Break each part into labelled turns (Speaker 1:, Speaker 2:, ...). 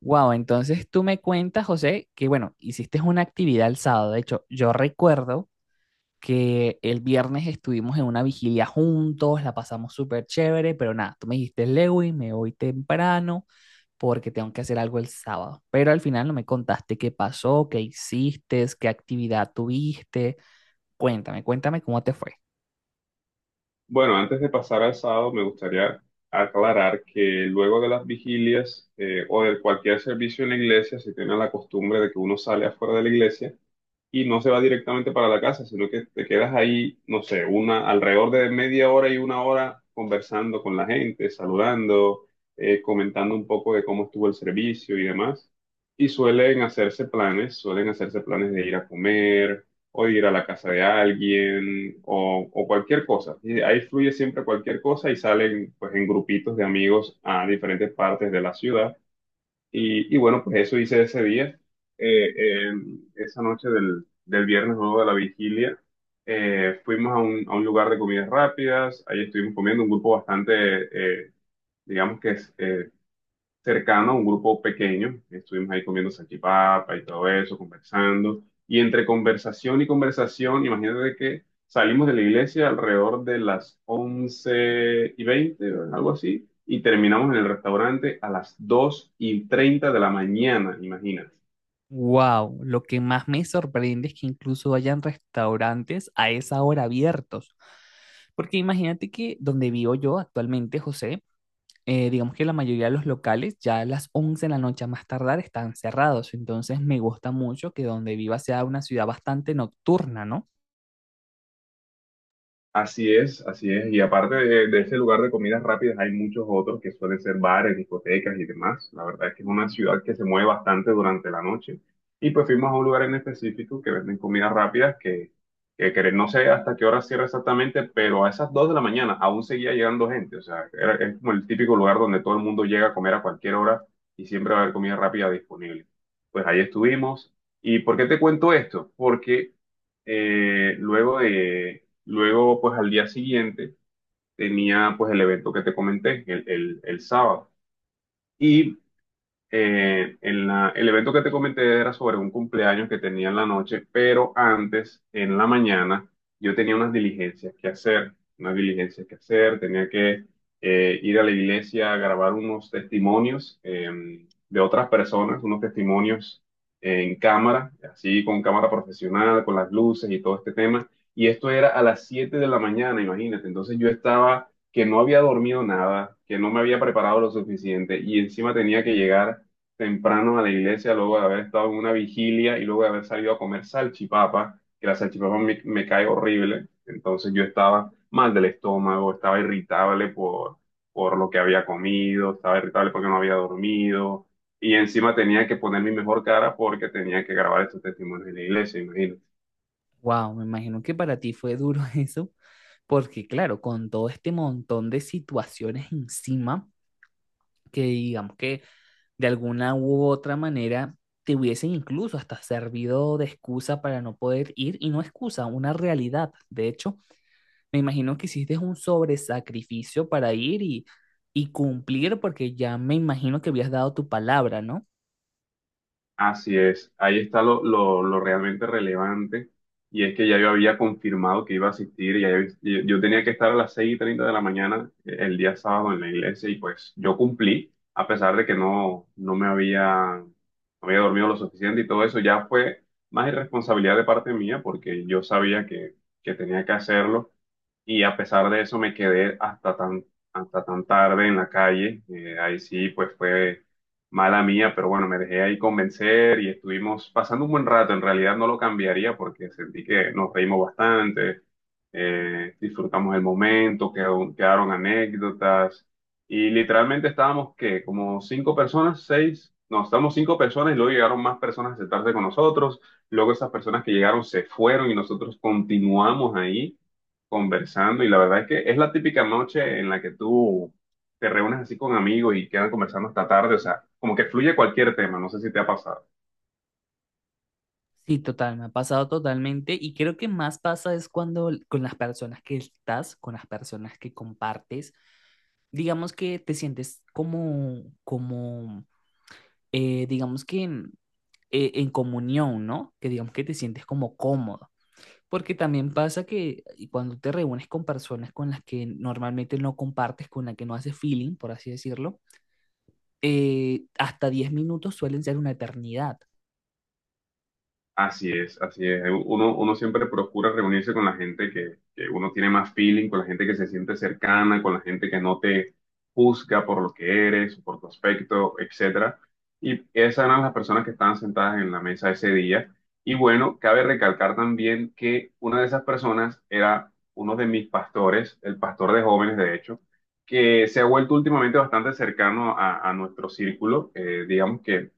Speaker 1: Wow, entonces tú me cuentas, José, que bueno, hiciste una actividad el sábado. De hecho, yo recuerdo que el viernes estuvimos en una vigilia juntos, la pasamos súper chévere, pero nada, tú me dijiste, Lewin, me voy temprano porque tengo que hacer algo el sábado. Pero al final no me contaste qué pasó, qué hiciste, qué actividad tuviste. Cuéntame, cuéntame cómo te fue.
Speaker 2: Bueno, antes de pasar al sábado, me gustaría aclarar que luego de las vigilias o de cualquier servicio en la iglesia, se tiene la costumbre de que uno sale afuera de la iglesia y no se va directamente para la casa, sino que te quedas ahí, no sé, alrededor de media hora y una hora conversando con la gente, saludando, comentando un poco de cómo estuvo el servicio y demás. Y suelen hacerse planes de ir a comer o de ir a la casa de alguien o cualquier cosa. Y ahí fluye siempre cualquier cosa y salen pues en grupitos de amigos a diferentes partes de la ciudad y bueno, pues eso hice ese día. Eh, eh, Esa noche del viernes luego de la vigilia. Fuimos a a un lugar de comidas rápidas, ahí estuvimos comiendo un grupo bastante, digamos que es cercano, un grupo pequeño, estuvimos ahí comiendo salchipapa y todo eso, conversando, y entre conversación y conversación, imagínate que salimos de la iglesia alrededor de las 11:20, algo así, y terminamos en el restaurante a las 2:30 de la mañana, imagínate.
Speaker 1: Wow, lo que más me sorprende es que incluso hayan restaurantes a esa hora abiertos. Porque imagínate que donde vivo yo actualmente, José, digamos que la mayoría de los locales ya a las 11 de la noche a más tardar están cerrados. Entonces me gusta mucho que donde viva sea una ciudad bastante nocturna, ¿no?
Speaker 2: Así es, así es. Y aparte de ese lugar de comidas rápidas, hay muchos otros que suelen ser bares, discotecas y demás. La verdad es que es una ciudad que se mueve bastante durante la noche. Y pues fuimos a un lugar en específico que venden comidas rápidas que no sé hasta qué hora cierra exactamente, pero a esas 2 de la mañana aún seguía llegando gente. O sea, es como el típico lugar donde todo el mundo llega a comer a cualquier hora y siempre va a haber comida rápida disponible. Pues ahí estuvimos. ¿Y por qué te cuento esto? Porque eh, luego de, Luego, pues al día siguiente tenía pues el evento que te comenté, el sábado. Y el evento que te comenté era sobre un cumpleaños que tenía en la noche, pero antes, en la mañana, yo tenía unas diligencias que hacer, tenía que ir a la iglesia a grabar unos testimonios de otras personas, unos testimonios en cámara, así con cámara profesional, con las luces y todo este tema. Y esto era a las 7 de la mañana, imagínate. Entonces yo estaba que no había dormido nada, que no me había preparado lo suficiente y encima tenía que llegar temprano a la iglesia luego de haber estado en una vigilia y luego de haber salido a comer salchipapa, que la salchipapa me cae horrible. Entonces yo estaba mal del estómago, estaba irritable por lo que había comido, estaba irritable porque no había dormido y encima tenía que poner mi mejor cara porque tenía que grabar estos testimonios en la iglesia, imagínate.
Speaker 1: Wow, me imagino que para ti fue duro eso, porque claro, con todo este montón de situaciones encima, que digamos que de alguna u otra manera te hubiesen incluso hasta servido de excusa para no poder ir, y no excusa, una realidad. De hecho, me imagino que hiciste un sobresacrificio para ir y cumplir, porque ya me imagino que habías dado tu palabra, ¿no?
Speaker 2: Así es, ahí está lo realmente relevante y es que ya yo había confirmado que iba a asistir, yo tenía que estar a las 6:30 de la mañana el día sábado en la iglesia y pues yo cumplí, a pesar de que no me había, no había dormido lo suficiente y todo eso, ya fue más irresponsabilidad de parte mía porque yo sabía que tenía que hacerlo y a pesar de eso me quedé hasta tan tarde en la calle. Ahí sí, pues fue mala mía, pero bueno, me dejé ahí convencer y estuvimos pasando un buen rato. En realidad no lo cambiaría porque sentí que nos reímos bastante, disfrutamos el momento, quedaron anécdotas y literalmente estábamos, ¿qué? Como cinco personas, seis. No, estábamos cinco personas y luego llegaron más personas a sentarse con nosotros. Luego esas personas que llegaron se fueron y nosotros continuamos ahí conversando y la verdad es que es la típica noche en la que tú te reúnes así con amigos y quedan conversando hasta tarde, o sea, como que fluye cualquier tema, no sé si te ha pasado.
Speaker 1: Sí, total, me ha pasado totalmente y creo que más pasa es cuando con las personas que estás, con las personas que compartes, digamos que te sientes como digamos que en comunión, ¿no? Que digamos que te sientes como cómodo. Porque también pasa que cuando te reúnes con personas con las que normalmente no compartes, con las que no haces feeling, por así decirlo, hasta 10 minutos suelen ser una eternidad.
Speaker 2: Así es, así es. Uno siempre procura reunirse con la gente que uno tiene más feeling, con la gente que se siente cercana, con la gente que no te juzga por lo que eres, por tu aspecto, etcétera. Y esas eran las personas que estaban sentadas en la mesa ese día. Y bueno, cabe recalcar también que una de esas personas era uno de mis pastores, el pastor de jóvenes, de hecho, que se ha vuelto últimamente bastante cercano a nuestro círculo. Digamos que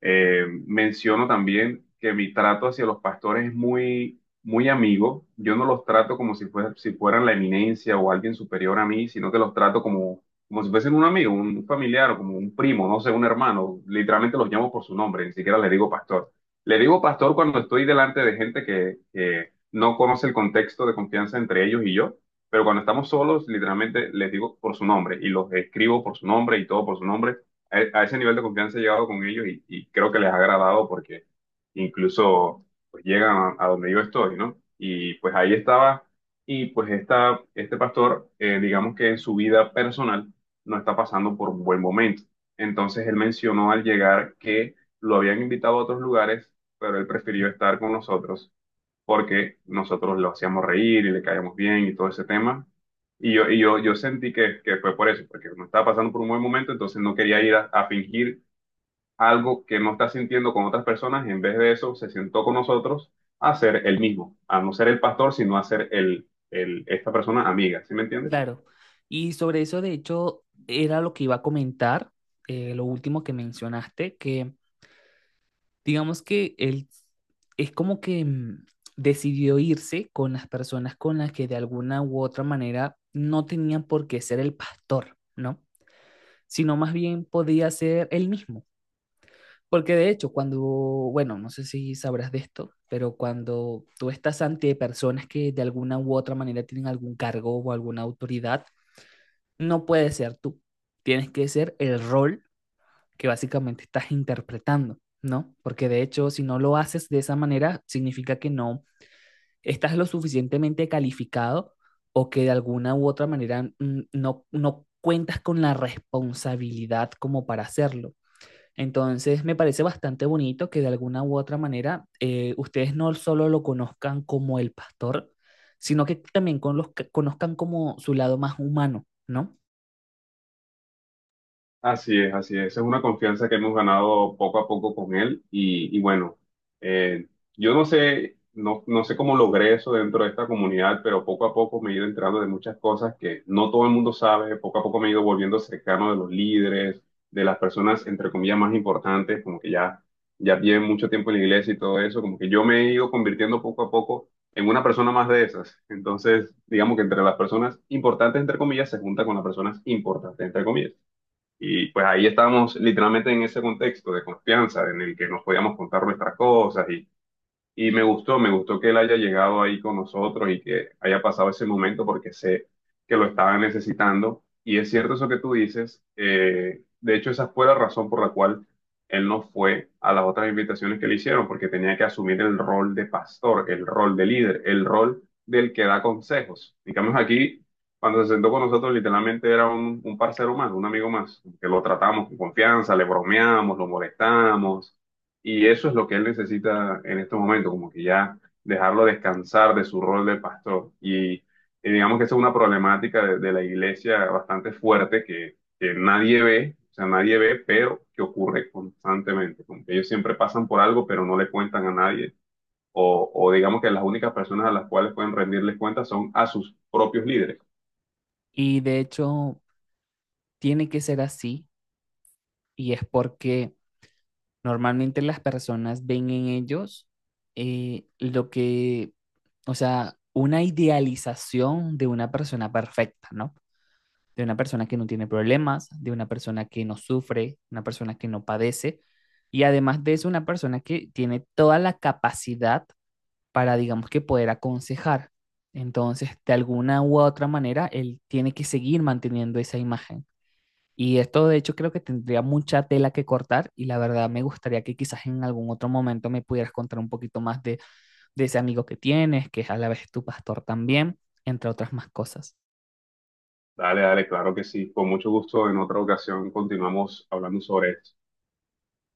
Speaker 2: Menciono también que mi trato hacia los pastores es muy, muy amigo. Yo no los trato como si fueran la eminencia o alguien superior a mí, sino que los trato como, como si fuesen un amigo, un familiar o como un primo, no sé, un hermano. Literalmente los llamo por su nombre, ni siquiera le digo pastor. Le digo pastor cuando estoy delante de gente que no conoce el contexto de confianza entre ellos y yo. Pero cuando estamos solos, literalmente les digo por su nombre y los escribo por su nombre y todo por su nombre a ese nivel de confianza he llegado con ellos y creo que les ha agradado porque incluso pues, llegan a donde yo estoy, ¿no? Y pues ahí estaba y pues este pastor, digamos que en su vida personal no está pasando por un buen momento. Entonces él mencionó al llegar que lo habían invitado a otros lugares, pero él prefirió estar con nosotros porque nosotros lo hacíamos reír y le caíamos bien y todo ese tema. Yo sentí que fue por eso, porque no estaba pasando por un buen momento, entonces no quería ir a fingir algo que no está sintiendo con otras personas, y en vez de eso se sentó con nosotros a ser el mismo, a no ser el pastor, sino a ser esta persona amiga, ¿sí me entiendes?
Speaker 1: Claro. Y sobre eso, de hecho, era lo que iba a comentar, lo último que mencionaste, que digamos que él es como que decidió irse con las personas con las que de alguna u otra manera no tenían por qué ser el pastor, ¿no? Sino más bien podía ser él mismo. Porque de hecho, cuando, bueno, no sé si sabrás de esto, pero cuando tú estás ante personas que de alguna u otra manera tienen algún cargo o alguna autoridad, no puedes ser tú. Tienes que ser el rol que básicamente estás interpretando, ¿no? Porque de hecho, si no lo haces de esa manera, significa que no estás lo suficientemente calificado o que de alguna u otra manera no, no cuentas con la responsabilidad como para hacerlo. Entonces, me parece bastante bonito que de alguna u otra manera ustedes no solo lo conozcan como el pastor, sino que también con los, conozcan como su lado más humano, ¿no?
Speaker 2: Así es, así es. Es una confianza que hemos ganado poco a poco con él y bueno, eh, yo no sé, no, no sé cómo logré eso dentro de esta comunidad, pero poco a poco me he ido enterando de muchas cosas que no todo el mundo sabe. Poco a poco me he ido volviendo cercano de los líderes, de las personas, entre comillas, más importantes, ya tienen mucho tiempo en la iglesia y todo eso, como que yo me he ido convirtiendo poco a poco en una persona más de esas. Entonces, digamos que entre las personas importantes, entre comillas, se junta con las personas importantes, entre comillas. Y pues ahí estábamos literalmente en ese contexto de confianza en el que nos podíamos contar nuestras cosas y me gustó que él haya llegado ahí con nosotros y que haya pasado ese momento porque sé que lo estaba necesitando. Y es cierto eso que tú dices. De hecho, esa fue la razón por la cual él no fue a las otras invitaciones que le hicieron, porque tenía que asumir el rol de pastor, el rol de líder, el rol del que da consejos. Digamos aquí, cuando se sentó con nosotros, literalmente era un parcero más, un amigo más, que lo tratamos con confianza, le bromeamos, lo molestamos y eso es lo que él necesita en este momento, como que ya dejarlo descansar de su rol de pastor. Digamos que esa es una problemática de la iglesia bastante fuerte que nadie ve, o sea, nadie ve, pero que ocurre constantemente. Como que ellos siempre pasan por algo, pero no le cuentan a nadie. O digamos que las únicas personas a las cuales pueden rendirles cuentas son a sus propios líderes.
Speaker 1: Y de hecho, tiene que ser así y es porque normalmente las personas ven en ellos eh, lo que, o sea, una idealización de una persona perfecta, ¿no? De una persona que no tiene problemas, de una persona que no sufre, una persona que no padece. Y además de eso, una persona que tiene toda la capacidad para, digamos que, poder aconsejar. Entonces, de alguna u otra manera, él tiene que seguir manteniendo esa imagen. Y esto, de hecho, creo que tendría mucha tela que cortar y la verdad me gustaría que quizás en algún otro momento me pudieras contar un poquito más de ese amigo que tienes, que es a la vez tu pastor también, entre otras más cosas.
Speaker 2: Dale, dale, claro que sí. Con mucho gusto, en otra ocasión continuamos hablando sobre esto.